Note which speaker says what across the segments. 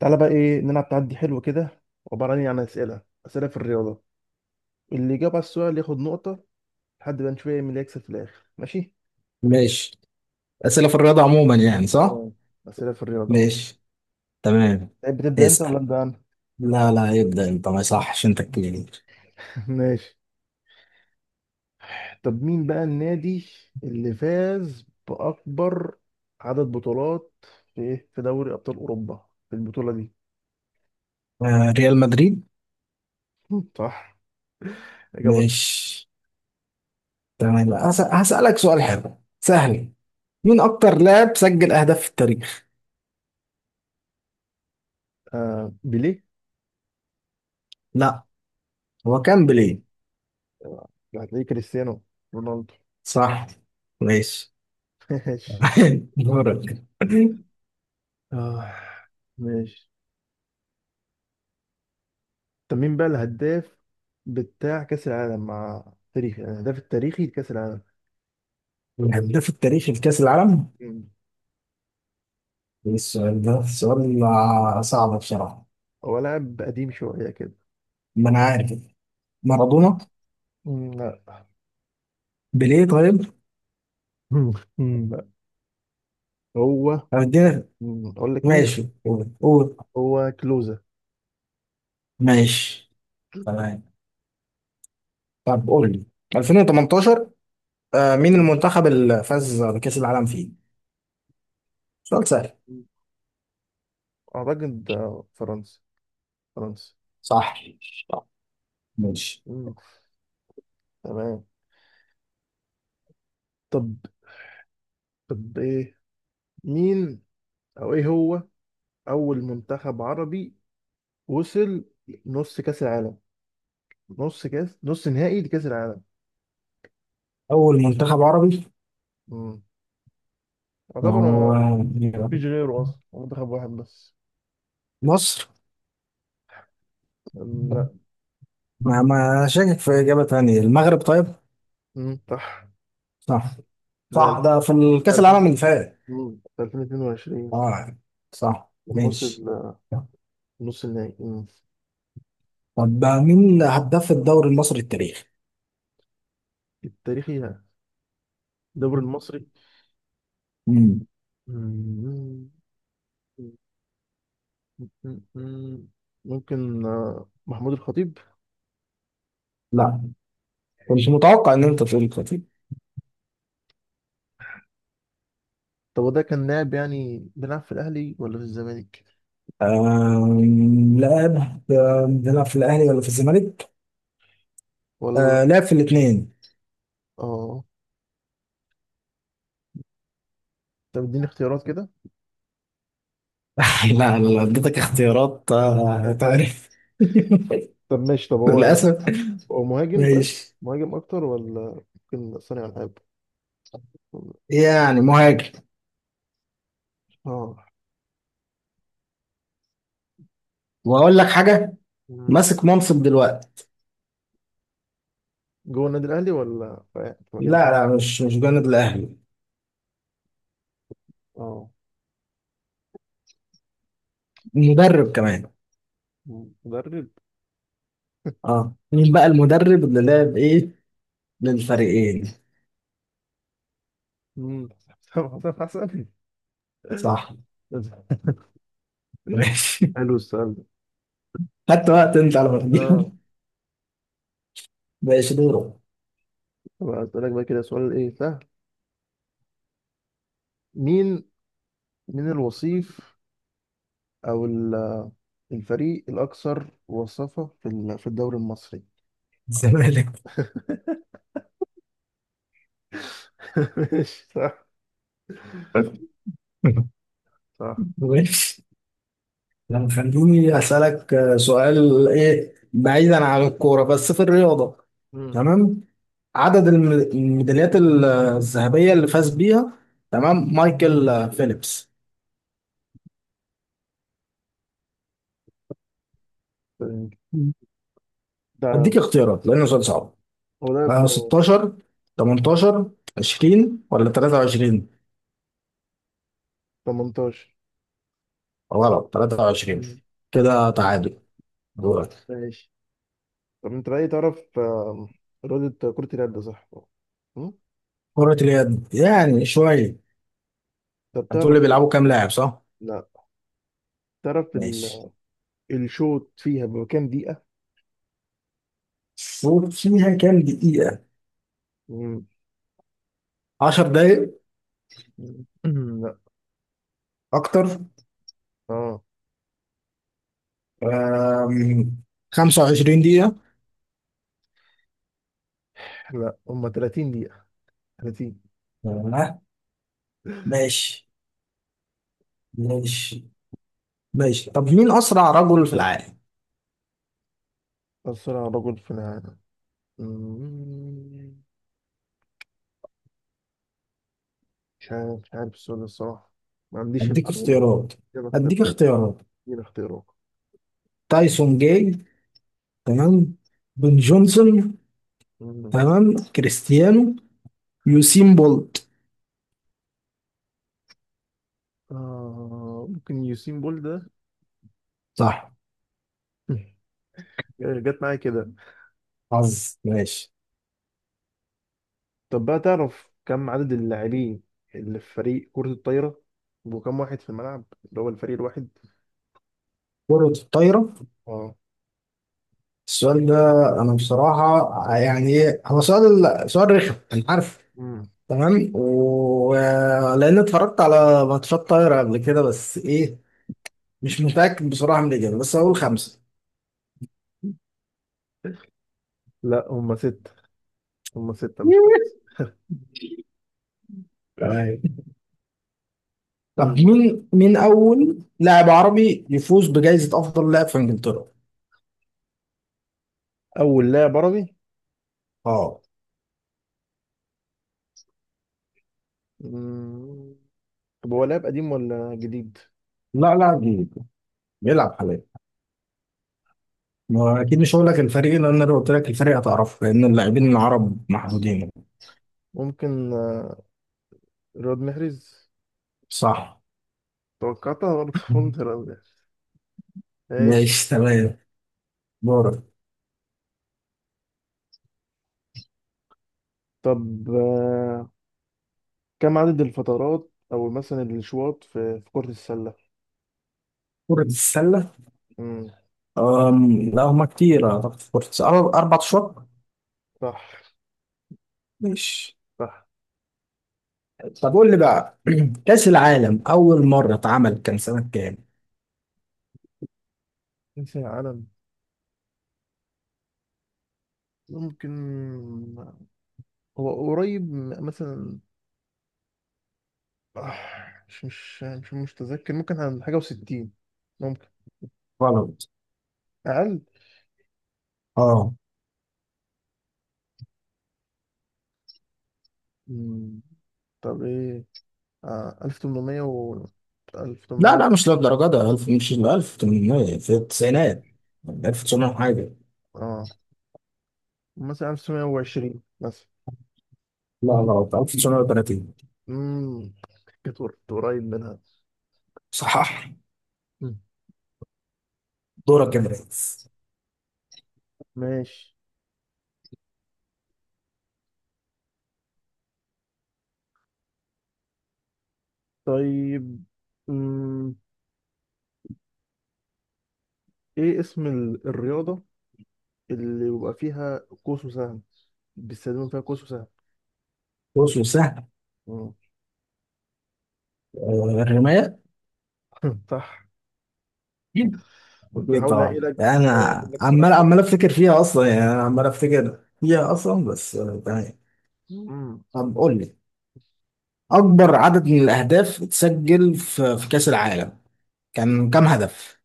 Speaker 1: تعالى بقى ايه نلعب تعدي حلو كده. عبارة عن إيه؟ عن اسئله في الرياضه. اللي يجاوب على السؤال ياخد نقطه لحد ما نشوف إيه مين اللي يكسب في الاخر. ماشي.
Speaker 2: ماشي. أسئلة في الرياضة عموما يعني، صح؟
Speaker 1: اه، اسئله في الرياضه اهو.
Speaker 2: ماشي. تمام.
Speaker 1: تحب تبدا انت ولا
Speaker 2: اسأل.
Speaker 1: ابدا انا؟
Speaker 2: لا لا، يبدأ أنت، ما صحش، أنت الكبير.
Speaker 1: ماشي. طب مين بقى النادي اللي فاز باكبر عدد بطولات في ايه، في دوري ابطال اوروبا، في البطوله دي؟
Speaker 2: آه، ريال مدريد.
Speaker 1: صح. اجابه.
Speaker 2: ماشي. تمام. هسألك سؤال حلو سهل. مين أكتر لاعب سجل أهداف في التاريخ؟
Speaker 1: آه، بيليه.
Speaker 2: لا. هو كان بيليه؟
Speaker 1: آه، هتلاقيه كريستيانو رونالدو.
Speaker 2: صح. ماشي.
Speaker 1: ماشي.
Speaker 2: دورك.
Speaker 1: آه ماشي. طب مين بقى الهداف بتاع كأس العالم مع تاريخ، يعني الهداف التاريخي لكأس العالم.
Speaker 2: الهداف التاريخي لكأس العالم؟
Speaker 1: مم.
Speaker 2: إيه السؤال ده؟ سؤال صعب بصراحة.
Speaker 1: هو لاعب قديم شوية كده.
Speaker 2: ما أنا عارف.
Speaker 1: مم.
Speaker 2: مارادونا؟
Speaker 1: مم، لا.
Speaker 2: بيليه طيب؟
Speaker 1: مم، مم، لا. هو
Speaker 2: طب اديني.
Speaker 1: أقول لك مين.
Speaker 2: ماشي، قول قول.
Speaker 1: هو كلوزا.
Speaker 2: ماشي. تمام. طب قول لي، 2018، مين
Speaker 1: مم.
Speaker 2: المنتخب اللي فاز بكأس العالم فيه؟ سؤال سهل.
Speaker 1: أعتقد ده فرنسا.
Speaker 2: صح. صح. ماشي.
Speaker 1: مم، تمام. طب إيه مين أو إيه هو أول منتخب عربي وصل نص كأس العالم، نص كأس، نص نهائي لكأس العالم.
Speaker 2: أول منتخب عربي،
Speaker 1: مم. يعتبر.
Speaker 2: هو مين يا
Speaker 1: مفيش
Speaker 2: رب؟
Speaker 1: غيره اصلا، هو منتخب واحد بس.
Speaker 2: مصر؟
Speaker 1: لا.
Speaker 2: ما شاكك في إجابة تانية. المغرب طيب؟
Speaker 1: مم، صح.
Speaker 2: صح.
Speaker 1: في
Speaker 2: صح، ده في الكأس العالم
Speaker 1: 2000.
Speaker 2: اللي فات.
Speaker 1: في 2022
Speaker 2: اه، صح.
Speaker 1: لما وصل
Speaker 2: ماشي.
Speaker 1: نص النهائي. مم.
Speaker 2: طب مين هداف الدوري المصري التاريخي؟
Speaker 1: التاريخي ده الدوري المصري.
Speaker 2: مم.
Speaker 1: مم، مم، مم. ممكن محمود الخطيب.
Speaker 2: لا، كنت متوقع إن أنت تقول كده.
Speaker 1: طب هو ده كان لاعب يعني بيلعب في الاهلي ولا في الزمالك؟
Speaker 2: لعب. بيلعب في الأهلي ولا في الزمالك؟
Speaker 1: ولا.
Speaker 2: آه، لعب في الاثنين.
Speaker 1: اه. طب اديني اختيارات كده.
Speaker 2: لا لا لا، اديتك اختيارات تعرف.
Speaker 1: طب ماشي، طب
Speaker 2: للاسف.
Speaker 1: هو مهاجم طيب.
Speaker 2: ماشي.
Speaker 1: مهاجم اكتر ولا ممكن صانع العاب؟
Speaker 2: يعني مهاجم.
Speaker 1: اه.
Speaker 2: واقول لك حاجه، ماسك منصب دلوقتي.
Speaker 1: جوه النادي الاهلي ولا في في مكان
Speaker 2: لا
Speaker 1: تاني؟
Speaker 2: لا، مش جانب الأهلي.
Speaker 1: اه.
Speaker 2: مدرب كمان.
Speaker 1: مدرب.
Speaker 2: اه، مين بقى المدرب اللي لعب ايه للفريقين؟
Speaker 1: امم حسام حسن.
Speaker 2: صح. ماشي.
Speaker 1: حلو السؤال ده.
Speaker 2: خدت وقت انت على ما
Speaker 1: اه.
Speaker 2: تجيب. ماشي، دوره.
Speaker 1: طب هسألك بقى كده سؤال ايه سهل. مين من الوصيف او الفريق الاكثر وصفة في في الدوري المصري؟ أو-
Speaker 2: الزمالك.
Speaker 1: ماشي صح. صح.
Speaker 2: ماشي. لما خليني أسألك سؤال إيه بعيدا عن الكورة، بس في الرياضة.
Speaker 1: مم.
Speaker 2: تمام. عدد الميداليات الذهبية اللي فاز بيها، تمام، مايكل فيليبس.
Speaker 1: ده
Speaker 2: أديك اختيارات لأنه سؤال صعب.
Speaker 1: هو ده ب
Speaker 2: 16، 18، 20، ولا 23؟
Speaker 1: 18.
Speaker 2: غلط. 23.
Speaker 1: مم.
Speaker 2: كده تعادل. دورك.
Speaker 1: ماشي. طب انت بقى إيه تعرف رياضة كرة اليد صح؟
Speaker 2: كرة اليد
Speaker 1: م؟
Speaker 2: يعني شوية.
Speaker 1: طب
Speaker 2: هتقول لي
Speaker 1: تعرف.
Speaker 2: بيلعبوا كام لاعب، صح؟
Speaker 1: لا، تعرف ال...
Speaker 2: ماشي.
Speaker 1: الشوط فيها بكام دقيقة؟
Speaker 2: شوف فيها كام دقيقة.
Speaker 1: مم.
Speaker 2: 10 دقايق؟
Speaker 1: مم. لا.
Speaker 2: أكتر.
Speaker 1: اه.
Speaker 2: أم، 25 دقيقة.
Speaker 1: لا هم 30 دقيقة. 30.
Speaker 2: آه، ماشي. ماشي. ماشي. طب مين أسرع رجل في العالم؟
Speaker 1: أسرع رجل في العالم. مم. مش عارف السؤال ده الصراحة. ما عنديش
Speaker 2: أديك
Speaker 1: المعلومة.
Speaker 2: اختيارات.
Speaker 1: يلا اختار.
Speaker 2: أديك اختيارات
Speaker 1: ادينا اختيارات.
Speaker 2: تايسون جاي، تمام، بن جونسون،
Speaker 1: مم.
Speaker 2: تمام، كريستيانو، يوسين بولت.
Speaker 1: آه ممكن يوسين بول ده.
Speaker 2: صح.
Speaker 1: جت معايا كده.
Speaker 2: حظ. ماشي.
Speaker 1: طب بقى تعرف كم عدد اللاعبين اللي في فريق كرة الطايرة، وكم واحد في الملعب اللي هو الفريق الواحد؟
Speaker 2: كرة الطايرة.
Speaker 1: اه.
Speaker 2: السؤال ده، أنا بصراحة يعني، إيه هو سؤال رخم أنا عارف. تمام، و... لأن اتفرجت على ماتشات طايرة قبل كده، بس إيه، مش متأكد بصراحة من الإجابة. بس هقول
Speaker 1: مم.
Speaker 2: خمسة.
Speaker 1: لا، هم ستة. مش خمسة.
Speaker 2: تمام. طب
Speaker 1: مم.
Speaker 2: مين أول لاعب عربي يفوز بجائزة أفضل لاعب في إنجلترا؟
Speaker 1: أول لاعب عربي.
Speaker 2: اه.
Speaker 1: مم. طب هو لاعب قديم ولا جديد؟
Speaker 2: لا لا، جديد. بيلعب حاليا. ما هو أكيد مش هقول لك الفريق، لأن لو قلت لك الفريق هتعرفه، لأن اللاعبين العرب محدودين.
Speaker 1: ممكن رياض محرز.
Speaker 2: صح.
Speaker 1: توقعتها برضه، قلت رياض محرز. ماشي.
Speaker 2: ماشي. تمام. دورك.
Speaker 1: طب كم عدد الفترات أو مثلا الأشواط في في كرة السلة؟
Speaker 2: كرة السلة.
Speaker 1: مم.
Speaker 2: لا، هما كتير. أعتقد في كرة السلة أربع أشواط.
Speaker 1: صح.
Speaker 2: ماشي.
Speaker 1: صح.
Speaker 2: طب قول لي بقى، كأس العالم أول مرة اتعمل كان سنة كام؟
Speaker 1: كأس العالم. ممكن آه، هو قريب مثلا آه، مش متذكر. ممكن عن حاجة وستين. ممكن.
Speaker 2: غلط.
Speaker 1: أقل؟
Speaker 2: اه.
Speaker 1: مم. طب ايه؟ آه 1800 و
Speaker 2: لا
Speaker 1: 1800.
Speaker 2: لا، مش للدرجة ده. 1000 مش 1800، في التسعينات، 1900 حاجة.
Speaker 1: اه مثلا 1920 مثلا.
Speaker 2: لا، غلط. 1930.
Speaker 1: امم كنت قريب منها.
Speaker 2: صحح.
Speaker 1: مم.
Speaker 2: دورك يا برنس.
Speaker 1: ماشي. طيب امم ايه اسم الرياضة اللي بيبقى فيها قوس وسهم، بيستخدموا فيها قوس وسهم.
Speaker 2: بص سهل.
Speaker 1: مم.
Speaker 2: الرماية.
Speaker 1: صح. كنت
Speaker 2: أكيد
Speaker 1: بحاول
Speaker 2: طبعا.
Speaker 1: الاقي لك
Speaker 2: أنا
Speaker 1: اجيب لك سؤال
Speaker 2: عمال
Speaker 1: كده.
Speaker 2: أفتكر فيها أصلا يعني، أنا عمال أفتكر فيها أصلا، بس تمام.
Speaker 1: امم
Speaker 2: طب قول لي، أكبر عدد من الأهداف اتسجل في كأس العالم، كان كام هدف؟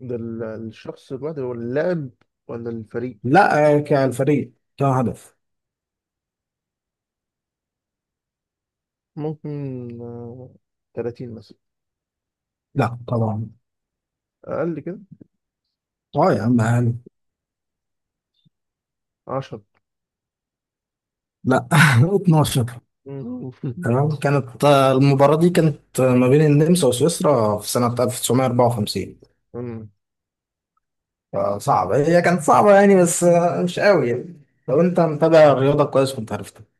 Speaker 1: ده الشخص الواحد هو اللاعب ولا الفريق؟
Speaker 2: لا. كالفريق كام هدف؟
Speaker 1: ممكن 30 مثلا.
Speaker 2: لا طبعا.
Speaker 1: اقل كده.
Speaker 2: أه يا عم، أقل.
Speaker 1: عشرة.
Speaker 2: لا. 12.
Speaker 1: مم.
Speaker 2: تمام. كانت المباراة دي كانت ما بين النمسا وسويسرا في سنة 1954.
Speaker 1: مم.
Speaker 2: فصعبة هي، كانت صعبة يعني، بس مش قوي يعني. لو انت متابع الرياضة كويس كنت عارف.